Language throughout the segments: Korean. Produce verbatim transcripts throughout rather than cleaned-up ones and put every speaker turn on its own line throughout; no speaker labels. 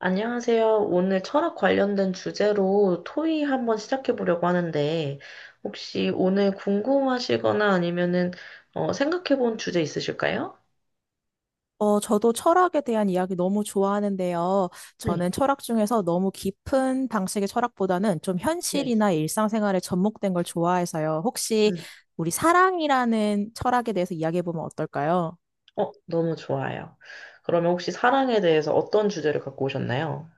안녕하세요. 오늘 철학 관련된 주제로 토의 한번 시작해 보려고 하는데, 혹시 오늘 궁금하시거나 아니면은 어, 생각해 본 주제 있으실까요?
어, 저도 철학에 대한 이야기 너무 좋아하는데요.
네,
저는 철학 중에서 너무 깊은 방식의 철학보다는 좀
네.
현실이나 일상생활에 접목된 걸 좋아해서요. 혹시
음.
우리 사랑이라는 철학에 대해서 이야기해보면 어떨까요?
어, 너무 좋아요. 그러면 혹시 사랑에 대해서 어떤 주제를 갖고 오셨나요?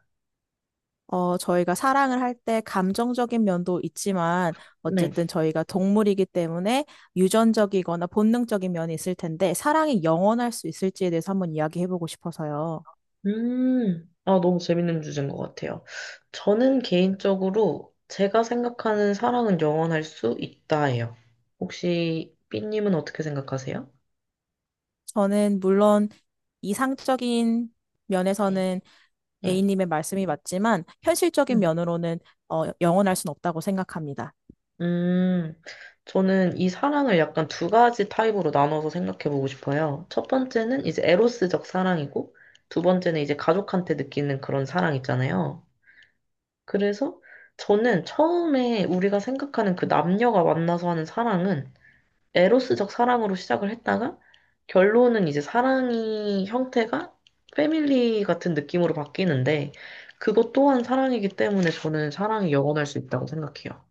어, 저희가 사랑을 할 때 감정적인 면도 있지만
네.
어쨌든 저희가 동물이기 때문에 유전적이거나 본능적인 면이 있을 텐데 사랑이 영원할 수 있을지에 대해서 한번 이야기해보고 싶어서요.
음, 아, 너무 재밌는 주제인 것 같아요. 저는 개인적으로 제가 생각하는 사랑은 영원할 수 있다예요. 혹시 삐님은 어떻게 생각하세요?
저는 물론 이상적인
네.
면에서는
네.
A님의 말씀이 맞지만 현실적인 면으로는 어, 영원할 순 없다고 생각합니다.
음, 저는 이 사랑을 약간 두 가지 타입으로 나눠서 생각해 보고 싶어요. 첫 번째는 이제 에로스적 사랑이고, 두 번째는 이제 가족한테 느끼는 그런 사랑 있잖아요. 그래서 저는 처음에 우리가 생각하는 그 남녀가 만나서 하는 사랑은 에로스적 사랑으로 시작을 했다가, 결론은 이제 사랑이 형태가 패밀리 같은 느낌으로 바뀌는데, 그것 또한 사랑이기 때문에 저는 사랑이 영원할 수 있다고 생각해요.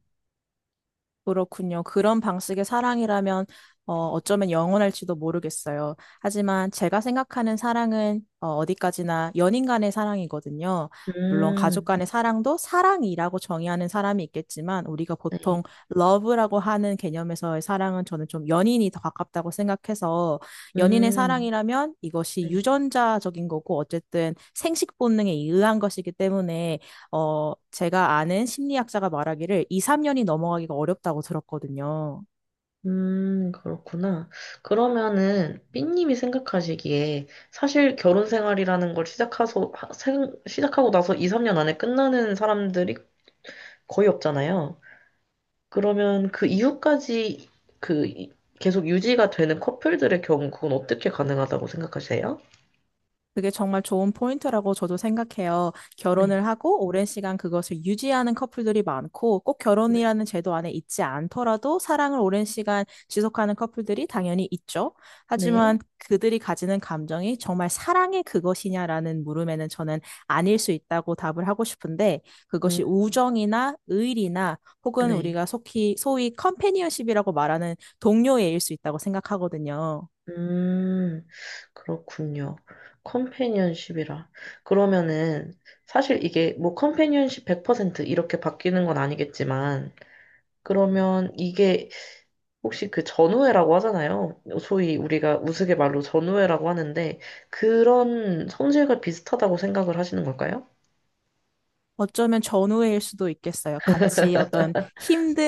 그렇군요. 그런 방식의 사랑이라면 어, 어쩌면 영원할지도 모르겠어요. 하지만 제가 생각하는 사랑은 어, 어디까지나 연인 간의 사랑이거든요. 물론 가족
음,
간의 사랑도 사랑이라고 정의하는 사람이 있겠지만 우리가
네.
보통 러브라고 하는 개념에서의 사랑은 저는 좀 연인이 더 가깝다고 생각해서 연인의
음,
사랑이라면 이것이
네.
유전자적인 거고 어쨌든 생식 본능에 의한 것이기 때문에 어, 제가 아는 심리학자가 말하기를 이, 삼 년이 넘어가기가 어렵다고 들었거든요.
음, 그렇구나. 그러면은, 삐님이 생각하시기에, 사실 결혼 생활이라는 걸 시작하서, 하- 생- 시작하고 나서 이, 삼 년 안에 끝나는 사람들이 거의 없잖아요. 그러면 그 이후까지 그 이- 계속 유지가 되는 커플들의 경우, 그건 어떻게 가능하다고 생각하세요?
그게 정말 좋은 포인트라고 저도 생각해요.
네.
결혼을 하고 오랜 시간 그것을 유지하는 커플들이 많고 꼭 결혼이라는 제도 안에 있지 않더라도 사랑을 오랜 시간 지속하는 커플들이 당연히 있죠.
네.
하지만 그들이 가지는 감정이 정말 사랑의 그것이냐라는 물음에는 저는 아닐 수 있다고 답을 하고 싶은데
음,
그것이 우정이나 의리나 혹은
네.
우리가 속히 소위 컴패니언십이라고 말하는 동료애일 수 있다고 생각하거든요.
음, 그렇군요. 컴패니언십이라. 그러면은, 사실 이게 뭐 컴패니언십 백 퍼센트 이렇게 바뀌는 건 아니겠지만, 그러면 이게 혹시 그 전우회라고 하잖아요. 소위 우리가 우스갯말로 전우회라고 하는데, 그런 성질과 비슷하다고 생각을 하시는 걸까요?
어쩌면 전우회일 수도 있겠어요. 같이 어떤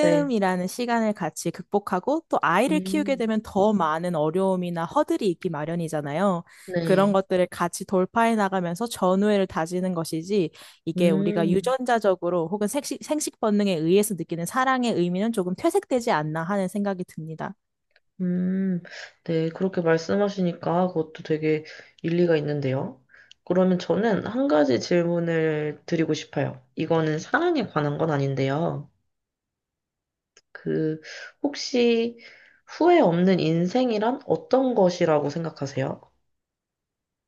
네.
시간을 같이 극복하고 또 아이를 키우게
음.
되면 더 많은 어려움이나 허들이 있기 마련이잖아요.
네.
그런 것들을 같이 돌파해 나가면서 전우회를 다지는 것이지 이게 우리가
음,
유전자적으로 혹은 생식, 생식 본능에 의해서 느끼는 사랑의 의미는 조금 퇴색되지 않나 하는 생각이 듭니다.
음, 네, 그렇게 말씀하시니까 그것도 되게 일리가 있는데요. 그러면 저는 한 가지 질문을 드리고 싶어요. 이거는 사랑에 관한 건 아닌데요. 그, 혹시 후회 없는 인생이란 어떤 것이라고 생각하세요?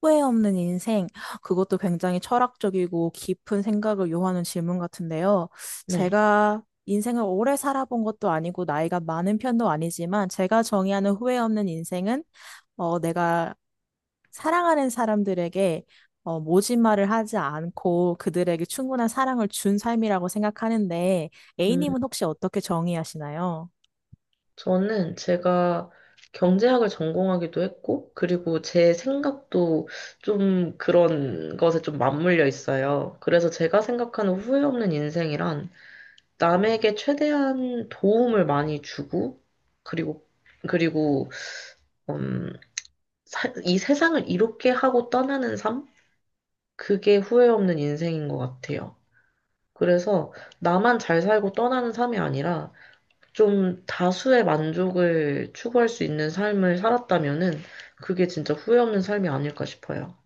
후회 없는 인생, 그것도 굉장히 철학적이고 깊은 생각을 요하는 질문 같은데요.
네.
제가 인생을 오래 살아본 것도 아니고 나이가 많은 편도 아니지만 제가 정의하는 후회 없는 인생은 어, 내가 사랑하는 사람들에게 어, 모진 말을 하지 않고 그들에게 충분한 사랑을 준 삶이라고 생각하는데
음,
A님은 혹시 어떻게 정의하시나요?
저는 제가 경제학을 전공하기도 했고, 그리고 제 생각도 좀 그런 것에 좀 맞물려 있어요. 그래서 제가 생각하는 후회 없는 인생이란 남에게 최대한 도움을 많이 주고, 그리고, 그리고, 음, 사- 이 세상을 이롭게 하고 떠나는 삶? 그게 후회 없는 인생인 것 같아요. 그래서 나만 잘 살고 떠나는 삶이 아니라 좀 다수의 만족을 추구할 수 있는 삶을 살았다면은 그게 진짜 후회 없는 삶이 아닐까 싶어요.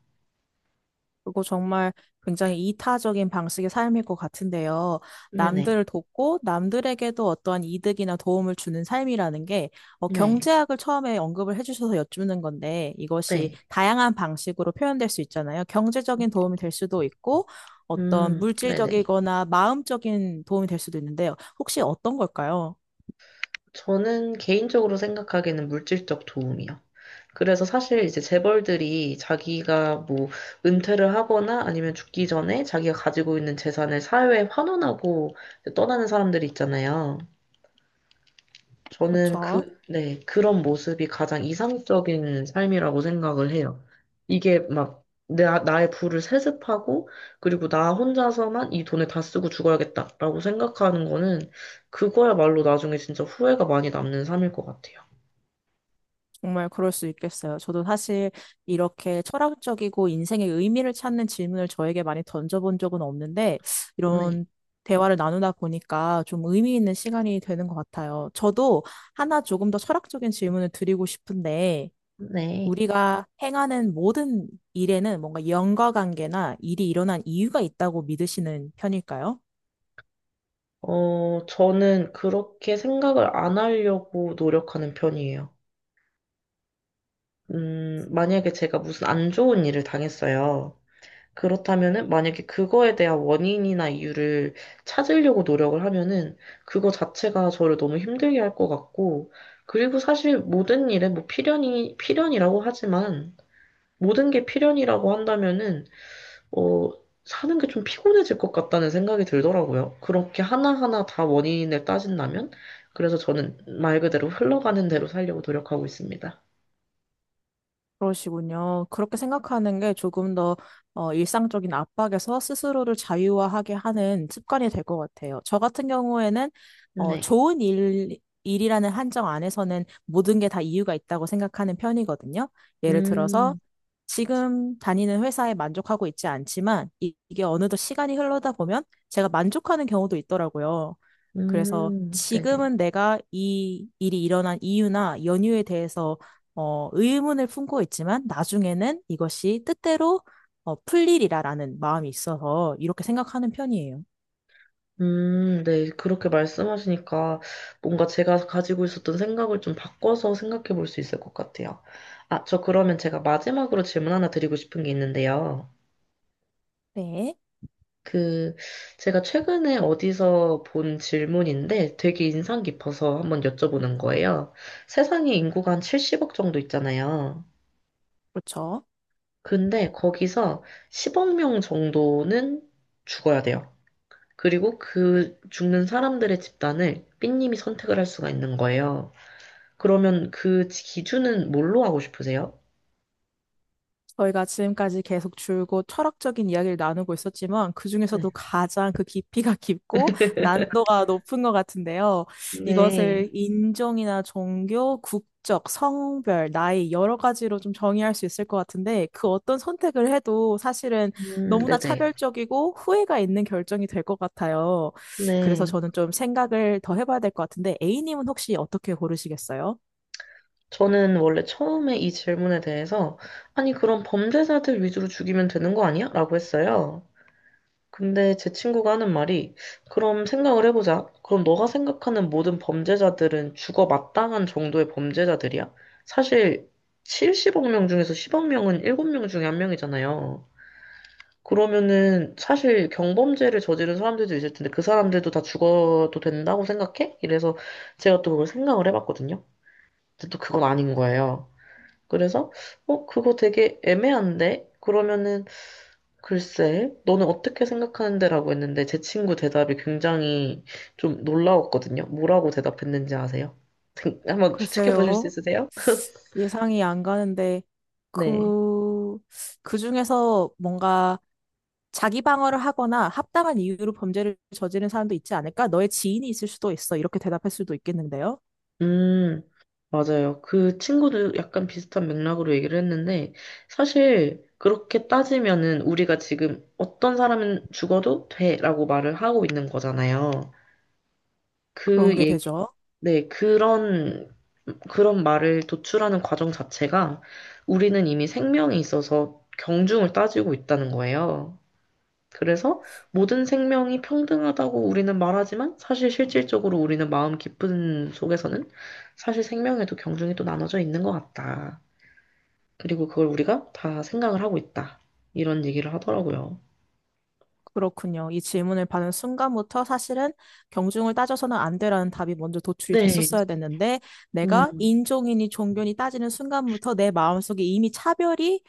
그거 정말 굉장히 이타적인 방식의 삶일 것 같은데요.
네네.
남들을 돕고 남들에게도 어떠한 이득이나 도움을 주는 삶이라는 게 어,
네.
경제학을 처음에 언급을 해주셔서 여쭙는 건데 이것이
네.
다양한 방식으로 표현될 수 있잖아요. 경제적인 도움이 될 수도 있고 어떤
음, 네네.
물질적이거나 마음적인 도움이 될 수도 있는데요. 혹시 어떤 걸까요?
저는 개인적으로 생각하기에는 물질적 도움이요. 그래서 사실 이제 재벌들이 자기가 뭐 은퇴를 하거나 아니면 죽기 전에 자기가 가지고 있는 재산을 사회에 환원하고 이제 떠나는 사람들이 있잖아요. 저는
그렇죠.
그, 네, 그런 모습이 가장 이상적인 삶이라고 생각을 해요. 이게 막 내, 나의 부를 세습하고 그리고 나 혼자서만 이 돈을 다 쓰고 죽어야겠다라고 생각하는 거는 그거야말로 나중에 진짜 후회가 많이 남는 삶일 것 같아요.
정말 그럴 수 있겠어요. 저도 사실 이렇게 철학적이고 인생의 의미를 찾는 질문을 저에게 많이 던져본 적은 없는데,
네,
이런 대화를 나누다 보니까 좀 의미 있는 시간이 되는 것 같아요. 저도 하나 조금 더 철학적인 질문을 드리고 싶은데,
네.
우리가 행하는 모든 일에는 뭔가 연과 관계나 일이 일어난 이유가 있다고 믿으시는 편일까요?
어, 저는 그렇게 생각을 안 하려고 노력하는 편이에요. 음, 만약에 제가 무슨 안 좋은 일을 당했어요. 그렇다면은, 만약에 그거에 대한 원인이나 이유를 찾으려고 노력을 하면은, 그거 자체가 저를 너무 힘들게 할 것 같고, 그리고 사실 모든 일에 뭐 필연이, 필연이라고 하지만, 모든 게 필연이라고 한다면은, 어, 사는 게 좀 피곤해질 것 같다는 생각이 들더라고요. 그렇게 하나하나 다 원인을 따진다면? 그래서 저는 말 그대로 흘러가는 대로 살려고 노력하고 있습니다.
그러시군요. 그렇게 생각하는 게 조금 더 어, 일상적인 압박에서 스스로를 자유화하게 하는 습관이 될 것 같아요. 저 같은 경우에는 어,
네.
좋은 일, 일이라는 한정 안에서는 모든 게 다 이유가 있다고 생각하는 편이거든요. 예를 들어서
음,
지금 다니는 회사에 만족하고 있지 않지만 이- 이게 어느덧 시간이 흘러다 보면 제가 만족하는 경우도 있더라고요. 그래서
음, 네네.
지금은 내가 이 일이 일어난 이유나 연유에 대해서 어, 의문을 품고 있지만 나중에는 이것이 뜻대로 어, 풀리리라라는 마음이 있어서 이렇게 생각하는 편이에요.
음, 네. 그렇게 말씀하시니까 뭔가 제가 가지고 있었던 생각을 좀 바꿔서 생각해 볼 수 있을 것 같아요. 아, 저 그러면 제가 마지막으로 질문 하나 드리고 싶은 게 있는데요.
네,
그, 제가 최근에 어디서 본 질문인데 되게 인상 깊어서 한번 여쭤보는 거예요. 세상에 인구가 한 칠십억 정도 있잖아요.
그렇죠.
근데 거기서 십억 명 정도는 죽어야 돼요. 그리고 그 죽는 사람들의 집단을 삐님이 선택을 할 수가 있는 거예요. 그러면 그 기준은 뭘로 하고 싶으세요?
저희가 지금까지 계속 줄곧 철학적인 이야기를 나누고 있었지만 그중에서도
네.
가장 그 깊이가 깊고 난도가 높은 것 같은데요.
네.
이것을 인종이나 종교, 국적, 성별, 나이 여러 가지로 좀 정의할 수 있을 것 같은데 그 어떤 선택을 해도 사실은
음,
너무나
네네.
차별적이고 후회가 있는 결정이 될 것 같아요. 그래서
네.
저는 좀 생각을 더 해봐야 될 것 같은데, A님은 혹시 어떻게 고르시겠어요?
저는 원래 처음에 이 질문에 대해서, 아니, 그럼 범죄자들 위주로 죽이면 되는 거 아니야? 라고 했어요. 근데 제 친구가 하는 말이, 그럼 생각을 해보자. 그럼 너가 생각하는 모든 범죄자들은 죽어 마땅한 정도의 범죄자들이야? 사실, 칠십억 명 중에서 십억 명은 일곱 명 중에 한명이잖아요 그러면은 사실 경범죄를 저지른 사람들도 있을 텐데 그 사람들도 다 죽어도 된다고 생각해? 이래서 제가 또 그걸 생각을 해봤거든요. 근데 또 그건 아닌 거예요. 그래서, 어, 그거 되게 애매한데? 그러면은, 글쎄, 너는 어떻게 생각하는데? 라고 했는데, 제 친구 대답이 굉장히 좀 놀라웠거든요. 뭐라고 대답했는지 아세요? 한번 추측해 보실 수
글쎄요.
있으세요?
예상이 안 가는데
네.
그, 그 중에서 뭔가 자기 방어를 하거나 합당한 이유로 범죄를 저지른 사람도 있지 않을까? 너의 지인이 있을 수도 있어. 이렇게 대답할 수도 있겠는데요.
음, 맞아요. 그 친구도 약간 비슷한 맥락으로 얘기를 했는데, 사실, 그렇게 따지면은 우리가 지금 어떤 사람은 죽어도 돼라고 말을 하고 있는 거잖아요. 그
그런 게 되죠.
네, 그런, 그런 말을 도출하는 과정 자체가 우리는 이미 생명이 있어서 경중을 따지고 있다는 거예요. 그래서 모든 생명이 평등하다고 우리는 말하지만 사실 실질적으로 우리는 마음 깊은 속에서는 사실 생명에도 경중이 또 나눠져 있는 것 같다. 그리고 그걸 우리가 다 생각을 하고 있다. 이런 얘기를 하더라고요.
그렇군요. 이 질문을 받은 순간부터 사실은 경중을 따져서는 안 되라는 답이 먼저 도출이
네,
됐었어야 됐는데 내가
음,
인종이니 종교니 따지는 순간부터 내 마음속에 이미 차별이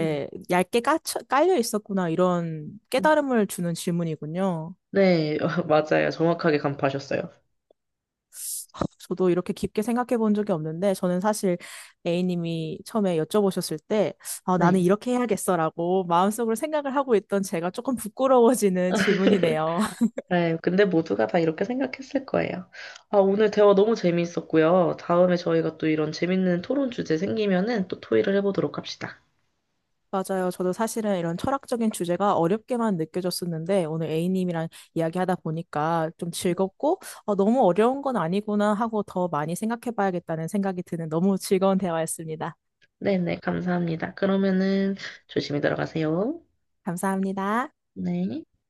음,
얇게 까쳐, 깔려 있었구나 이런
음.
깨달음을 주는 질문이군요.
네, 맞아요. 정확하게 간파하셨어요.
저도 이렇게 깊게 생각해 본 적이 없는데 저는 사실 A님이 처음에 여쭤보셨을 때 아, 나는
네.
이렇게 해야겠어라고 마음속으로 생각을 하고 있던 제가 조금 부끄러워지는 질문이네요.
네, 근데 모두가 다 이렇게 생각했을 거예요. 아, 오늘 대화 너무 재미있었고요. 다음에 저희가 또 이런 재밌는 토론 주제 생기면은 또 토의를 해보도록 합시다.
맞아요. 저도 사실은 이런 철학적인 주제가 어렵게만 느껴졌었는데 오늘 A님이랑 이야기하다 보니까 좀 즐겁고 어, 너무 어려운 건 아니구나 하고 더 많이 생각해 봐야겠다는 생각이 드는 너무 즐거운 대화였습니다.
네네, 감사합니다. 그러면은 조심히 들어가세요.
감사합니다.
네.